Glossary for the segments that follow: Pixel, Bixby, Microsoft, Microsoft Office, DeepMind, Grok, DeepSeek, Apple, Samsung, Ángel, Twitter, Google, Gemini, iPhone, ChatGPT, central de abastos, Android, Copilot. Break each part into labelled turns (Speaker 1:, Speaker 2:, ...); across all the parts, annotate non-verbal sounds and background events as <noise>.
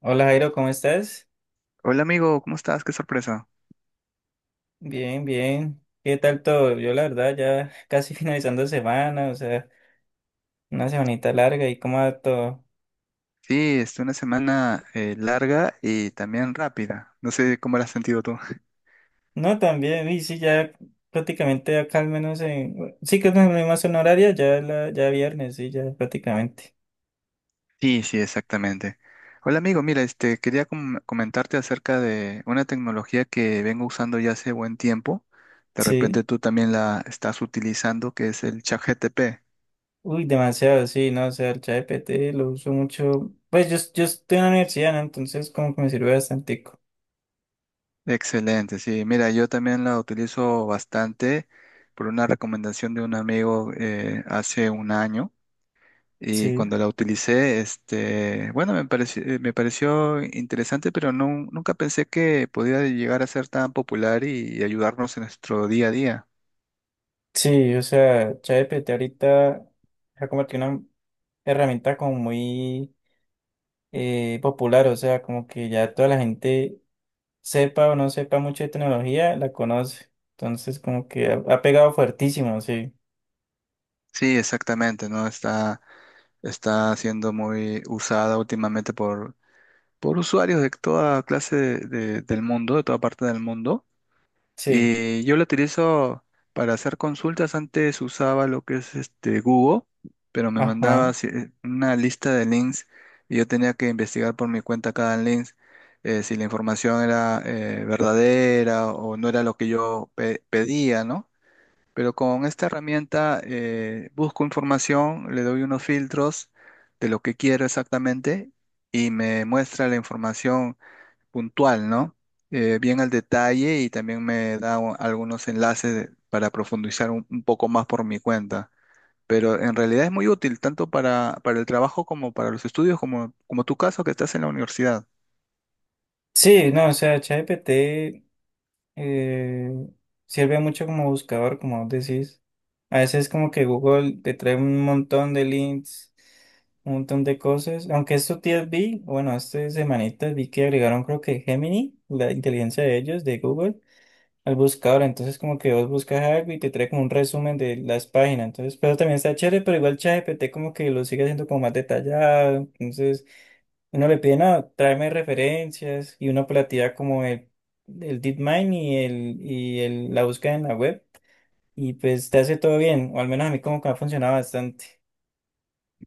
Speaker 1: Hola Jairo, ¿cómo estás?
Speaker 2: Hola amigo, ¿cómo estás? Qué sorpresa.
Speaker 1: Bien, bien. ¿Qué tal todo? Yo la verdad ya <laughs> casi finalizando semana, o sea, una semanita larga y cómo va todo.
Speaker 2: Sí, es una semana larga y también rápida. No sé cómo la has sentido tú.
Speaker 1: No, también, y sí, ya prácticamente acá al menos en... Sí que es la misma zona horaria, ya, ya viernes, sí, ya prácticamente.
Speaker 2: Sí, sí, exactamente. Hola amigo, mira, este quería comentarte acerca de una tecnología que vengo usando ya hace buen tiempo. De
Speaker 1: Sí.
Speaker 2: repente tú también la estás utilizando, que es el ChatGPT.
Speaker 1: Uy, demasiado, sí, no, o sea, el ChatGPT lo uso mucho. Pues yo estoy en la universidad, ¿no? Entonces como que me sirve bastante.
Speaker 2: Excelente, sí. Mira, yo también la utilizo bastante por una recomendación de un amigo hace un año. Y
Speaker 1: Sí.
Speaker 2: cuando la utilicé, este, bueno, me pareció interesante, pero no, nunca pensé que podía llegar a ser tan popular y ayudarnos en nuestro día a día.
Speaker 1: Sí, o sea, ChatGPT ahorita se ha convertido en una herramienta como muy popular, o sea, como que ya toda la gente sepa o no sepa mucho de tecnología, la conoce. Entonces, como que ha pegado fuertísimo, sí,
Speaker 2: Sí, exactamente, ¿no? Está siendo muy usada últimamente por usuarios de toda clase del mundo, de toda parte del mundo.
Speaker 1: sí,
Speaker 2: Y yo lo utilizo para hacer consultas. Antes usaba lo que es este Google, pero me mandaba
Speaker 1: ajá.
Speaker 2: así, una lista de links y yo tenía que investigar por mi cuenta cada link, si la información era verdadera o no era lo que yo pedía, ¿no? Pero con esta herramienta busco información, le doy unos filtros de lo que quiero exactamente y me muestra la información puntual, ¿no? Bien al detalle y también me da algunos enlaces para profundizar un poco más por mi cuenta. Pero en realidad es muy útil tanto para el trabajo como para los estudios, como tu caso que estás en la universidad.
Speaker 1: Sí, no, o sea, ChatGPT eh, sirve mucho como buscador, como vos decís. A veces como que Google te trae un montón de links, un montón de cosas. Aunque estos días vi, bueno, estas semanitas vi que agregaron creo que Gemini, la inteligencia de ellos, de Google al buscador. Entonces, como que vos buscas algo y te trae como un resumen de las páginas. Entonces, pero también está chévere, pero igual ChatGPT como que lo sigue haciendo como más detallado. Entonces, uno le pide, no, tráeme referencias y una operativa como el DeepMind y la búsqueda en la web. Y pues te hace todo bien, o al menos a mí como que ha funcionado bastante.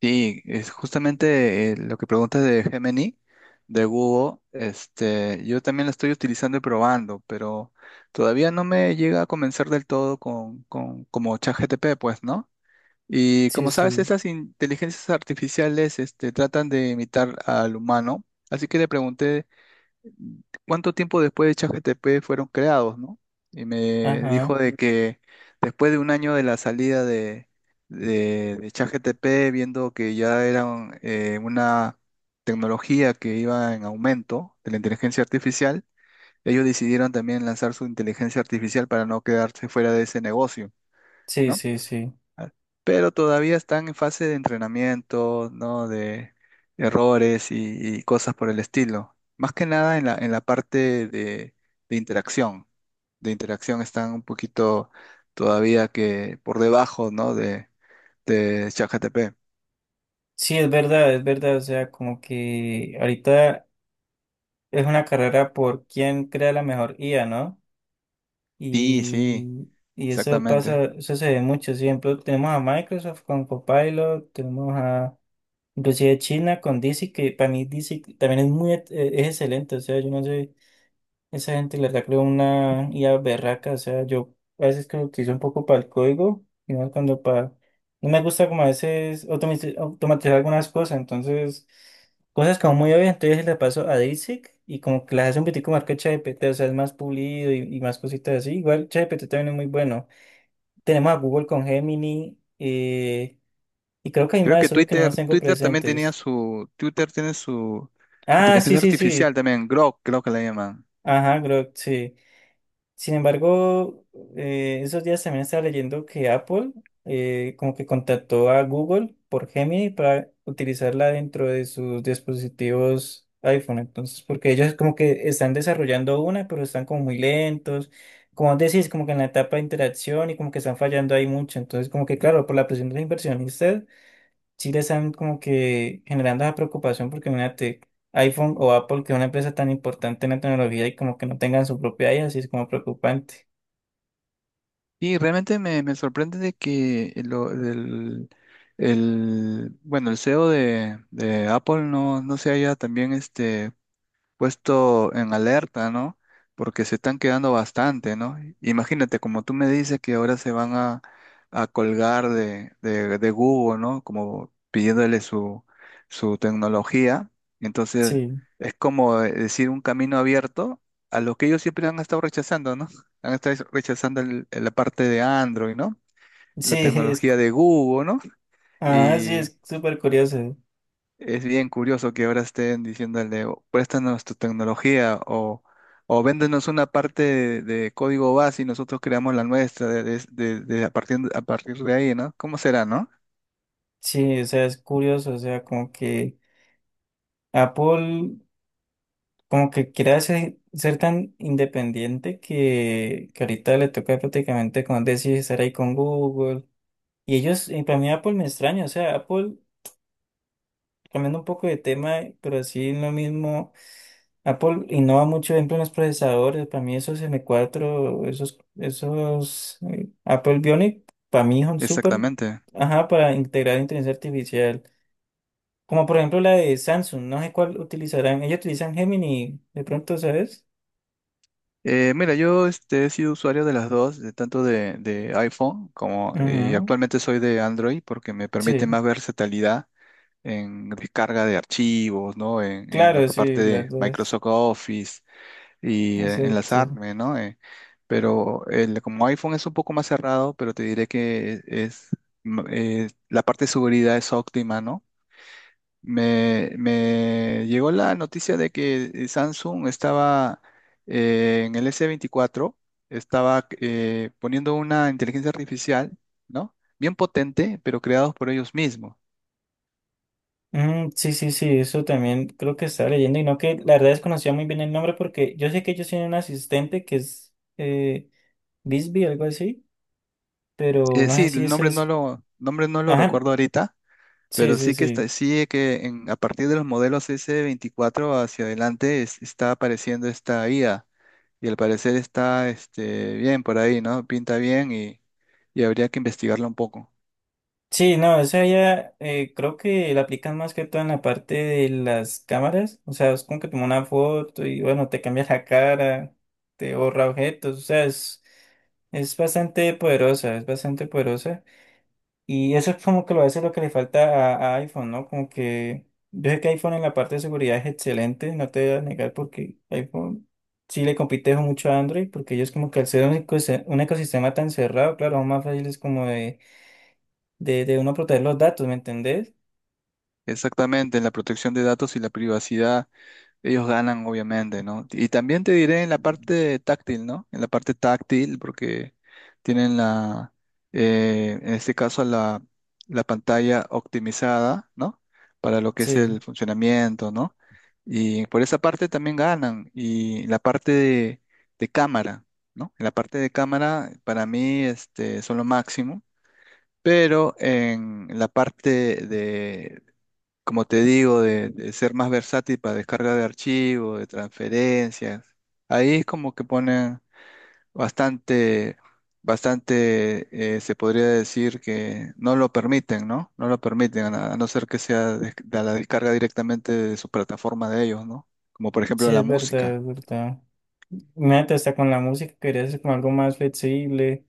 Speaker 2: Sí, es justamente lo que preguntas de Gemini, de Google. Este, yo también la estoy utilizando y probando, pero todavía no me llega a convencer del todo con como ChatGPT, pues, ¿no? Y
Speaker 1: Sí,
Speaker 2: como sabes,
Speaker 1: sí.
Speaker 2: esas inteligencias artificiales, este, tratan de imitar al humano. Así que le pregunté cuánto tiempo después de ChatGPT fueron creados, ¿no? Y me
Speaker 1: Ajá.
Speaker 2: dijo de que después de un año de la salida de ChatGPT, viendo que ya era una tecnología que iba en aumento de la inteligencia artificial, ellos decidieron también lanzar su inteligencia artificial para no quedarse fuera de ese negocio,
Speaker 1: Sí,
Speaker 2: ¿no?
Speaker 1: sí, sí.
Speaker 2: Ah, pero todavía están en fase de entrenamiento, ¿no? De errores y cosas por el estilo. Más que nada en la parte de interacción. De interacción están un poquito todavía que por debajo, ¿no? De ChatGPT.
Speaker 1: Sí, es verdad, es verdad. O sea, como que ahorita es una carrera por quién crea la mejor IA, ¿no?
Speaker 2: Sí, sí,
Speaker 1: Y, y eso
Speaker 2: exactamente.
Speaker 1: pasa, eso se ve mucho. Siempre tenemos a Microsoft con Copilot, tenemos a inclusive China con DeepSeek, que para mí DeepSeek también es muy, es excelente. O sea, yo no sé. Esa gente le saca una IA berraca, o sea, yo a veces creo que hice un poco para el código, y no cuando para... No me gusta como a veces automatizar algunas cosas, entonces, cosas como muy obvias, entonces le paso a DeepSeek y como que las hace un poquitico más que ChatGPT, o sea, es más pulido y más cositas así. Igual ChatGPT también es muy bueno. Tenemos a Google con Gemini, y creo que hay
Speaker 2: Creo
Speaker 1: más,
Speaker 2: que
Speaker 1: solo que no
Speaker 2: Twitter,
Speaker 1: los tengo
Speaker 2: Twitter también
Speaker 1: presentes.
Speaker 2: Twitter tiene su
Speaker 1: Ah, sí,
Speaker 2: inteligencia
Speaker 1: sí,
Speaker 2: artificial
Speaker 1: sí.
Speaker 2: también, Grok, creo que la llaman.
Speaker 1: Ajá, creo, sí. Sin embargo, esos días también estaba leyendo que Apple como que contactó a Google por Gemini para utilizarla dentro de sus dispositivos iPhone. Entonces, porque ellos como que están desarrollando una, pero están como muy lentos. Como decís, como que en la etapa de interacción y como que están fallando ahí mucho. Entonces, como que claro, por la presión de los inversionistas sí le están como que generando esa preocupación porque imagínate, iPhone o Apple, que es una empresa tan importante en la tecnología y como que no tengan su propia IA, sí es como preocupante.
Speaker 2: Y realmente me sorprende de que bueno, el CEO de Apple, no se haya también este, puesto en alerta, ¿no? Porque se están quedando bastante, ¿no? Imagínate, como tú me dices que ahora se van a colgar de Google, ¿no? Como pidiéndole su tecnología. Entonces,
Speaker 1: Sí,
Speaker 2: es como decir un camino abierto a lo que ellos siempre han estado rechazando, ¿no? Han estado rechazando la parte de Android, ¿no?
Speaker 1: sí,
Speaker 2: La
Speaker 1: <laughs>
Speaker 2: tecnología de Google, ¿no?
Speaker 1: ah, sí, es súper curioso.
Speaker 2: Es bien curioso que ahora estén diciéndole: "O préstanos tu tecnología, o véndenos una parte de código base y nosotros creamos la nuestra a partir de ahí". ¿No? ¿Cómo será, no?
Speaker 1: Sí, o sea, es curioso, o sea, como que Apple como que quiere ser tan independiente que ahorita le toca prácticamente, como decir, estar ahí con Google. Y ellos, y para mí Apple me extraña, o sea, Apple, cambiando un poco de tema, pero así en lo mismo. Apple innova mucho, por ejemplo, en los procesadores. Para mí esos M4, esos Apple Bionic, para mí son súper,
Speaker 2: Exactamente.
Speaker 1: ajá, para integrar inteligencia artificial. Como por ejemplo la de Samsung, no sé cuál utilizarán. Ellos utilizan Gemini, de pronto, ¿sabes?
Speaker 2: Mira, yo este, he sido usuario de las dos, tanto de iPhone, como y
Speaker 1: Ujú,
Speaker 2: actualmente soy de Android porque me permite
Speaker 1: sí,
Speaker 2: más versatilidad en descarga de archivos, ¿no? En lo
Speaker 1: claro,
Speaker 2: que parte
Speaker 1: sí, la
Speaker 2: de
Speaker 1: verdad es,
Speaker 2: Microsoft Office y
Speaker 1: exacto.
Speaker 2: enlazarme, ¿no? Pero el, como iPhone es un poco más cerrado, pero te diré que la parte de seguridad es óptima, ¿no? Me llegó la noticia de que Samsung estaba, en el S24, estaba poniendo una inteligencia artificial, ¿no? Bien potente, pero creados por ellos mismos.
Speaker 1: Mm, sí, sí, sí, eso también creo que estaba leyendo y no que la verdad desconocía muy bien el nombre porque yo sé que ellos tienen un asistente que es Bixby, algo así, pero no sé
Speaker 2: Sí,
Speaker 1: si
Speaker 2: el
Speaker 1: eso es...
Speaker 2: nombre no lo
Speaker 1: Ajá,
Speaker 2: recuerdo ahorita.
Speaker 1: sí,
Speaker 2: Pero
Speaker 1: sí,
Speaker 2: sí que está,
Speaker 1: sí.
Speaker 2: sí que en- a partir de los modelos S24 hacia adelante está apareciendo esta IA y al parecer está este, bien por ahí, ¿no? Pinta bien y habría que investigarla un poco.
Speaker 1: Sí, no, esa ya creo que la aplican más que todo en la parte de las cámaras. O sea, es como que toma una foto y bueno, te cambias la cara, te borra objetos. O sea, es bastante poderosa, es bastante poderosa. Y eso es como que a veces lo que le falta a iPhone, ¿no? Como que yo sé que iPhone en la parte de seguridad es excelente, no te voy a negar porque iPhone sí le compite mucho a Android, porque ellos como que al ser un ecosistema tan cerrado, claro, aún más fácil es como de, de uno proteger los datos, ¿me entendés?
Speaker 2: Exactamente, en la protección de datos y la privacidad. Ellos ganan, obviamente, ¿no? Y también te diré en la parte táctil, ¿no? En la parte táctil, porque tienen en este caso, la pantalla optimizada, ¿no? Para lo que es
Speaker 1: Sí,
Speaker 2: el funcionamiento, ¿no? Y por esa parte también ganan. Y la parte de cámara, ¿no? En la parte de cámara, para mí, este, son lo máximo. Pero en la parte, como te digo, de ser más versátil para descarga de archivos, de transferencias. Ahí es como que ponen bastante, bastante, se podría decir que no lo permiten, ¿no? No lo permiten, a no ser que sea de la descarga directamente de su plataforma de ellos, ¿no? Como por ejemplo
Speaker 1: sí,
Speaker 2: la
Speaker 1: es verdad,
Speaker 2: música.
Speaker 1: es verdad. Imagínate hasta con la música, querías hacer como algo más flexible,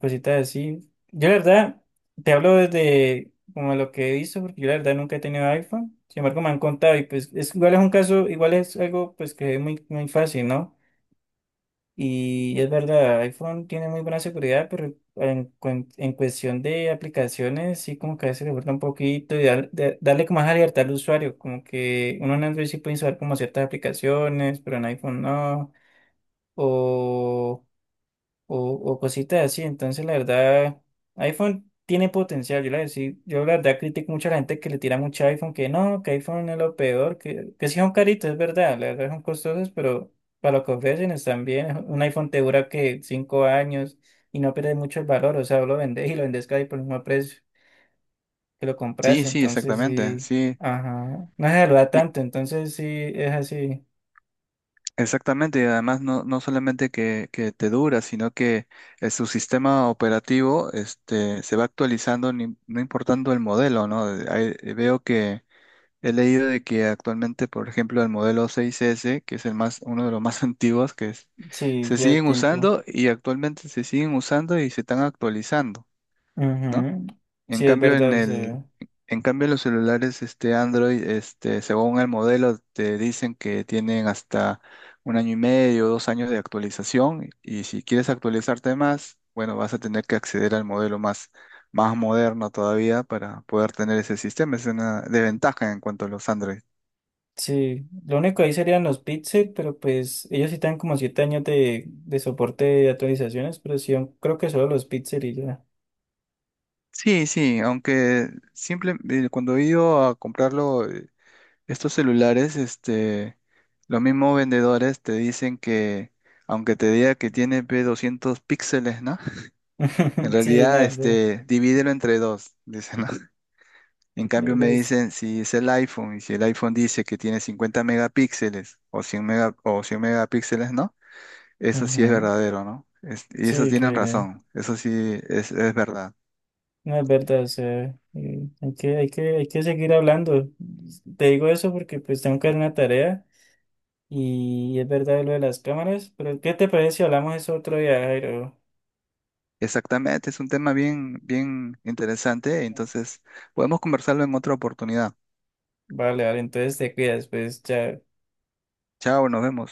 Speaker 1: cositas así. Yo la verdad, te hablo desde como lo que he visto, porque yo la verdad nunca he tenido iPhone. Sin embargo, me han contado y pues es, igual es un caso, igual es algo pues que es muy, muy fácil, ¿no? Y es verdad, iPhone tiene muy buena seguridad, pero en cuestión de aplicaciones sí como que a veces le falta un poquito y darle como más libertad al usuario, como que uno en Android sí puede instalar como ciertas aplicaciones, pero en iPhone no. O o cositas así. Entonces, la verdad, iPhone tiene potencial. Yo la verdad critico mucho a la gente que le tira mucho a iPhone, que no, que iPhone es lo peor, que sí son caritos, es verdad, la verdad son costosos, pero para lo que ofrecen están bien. <laughs> Un iPhone te dura que 5 años y no pierde mucho el valor, o sea, vos lo vendés y lo vendés casi por el mismo precio que lo compras,
Speaker 2: Sí,
Speaker 1: entonces sí.
Speaker 2: sí.
Speaker 1: Ajá, no se saluda tanto, entonces sí, es así,
Speaker 2: Exactamente, y además no solamente que te dura, sino que su sistema operativo este, se va actualizando, no importando el modelo, ¿no? Veo que he leído de que actualmente, por ejemplo, el modelo 6S, que es uno de los más <laughs> antiguos,
Speaker 1: sí,
Speaker 2: se
Speaker 1: ya
Speaker 2: siguen
Speaker 1: tiempo.
Speaker 2: usando, y se están actualizando, ¿no?
Speaker 1: Ujú.
Speaker 2: En
Speaker 1: Sí, es
Speaker 2: cambio,
Speaker 1: verdad, sí.
Speaker 2: los celulares este Android, este, según el modelo, te dicen que tienen hasta un año y medio, 2 años de actualización. Y si quieres actualizarte más, bueno, vas a tener que acceder al modelo más moderno todavía para poder tener ese sistema. Es una desventaja en cuanto a los Android.
Speaker 1: Sí, lo único ahí serían los Pixel, pero pues ellos sí tienen como 7 años de, soporte de actualizaciones, pero sí, yo creo que solo los Pixel y ya.
Speaker 2: Sí, sí, aunque simple, cuando he ido a comprarlo. Estos celulares, este, los mismos vendedores te dicen que, aunque te diga que tiene pues, 200 píxeles, ¿no? En
Speaker 1: <laughs> Sí, la
Speaker 2: realidad,
Speaker 1: verdad.
Speaker 2: este, divídelo entre dos, dicen, ¿no? <laughs> En
Speaker 1: la
Speaker 2: cambio me
Speaker 1: verdad es-
Speaker 2: dicen si es el iPhone, y si el iPhone dice que tiene 50 megapíxeles o 100 megapíxeles, ¿no? Eso sí es
Speaker 1: Ujú.
Speaker 2: verdadero, ¿no? Y eso
Speaker 1: Sí,
Speaker 2: tienen razón, eso sí es verdad.
Speaker 1: no es verdad, o sea, hay que seguir hablando. Te digo eso porque pues tengo que hacer una tarea y es verdad lo de las cámaras, pero ¿qué te parece si hablamos eso otro día, Jairo?
Speaker 2: Exactamente, es un tema bien, bien interesante, entonces podemos conversarlo en otra oportunidad.
Speaker 1: Vale, vale, entonces te cuidas, pues, chao.
Speaker 2: Chao, nos vemos.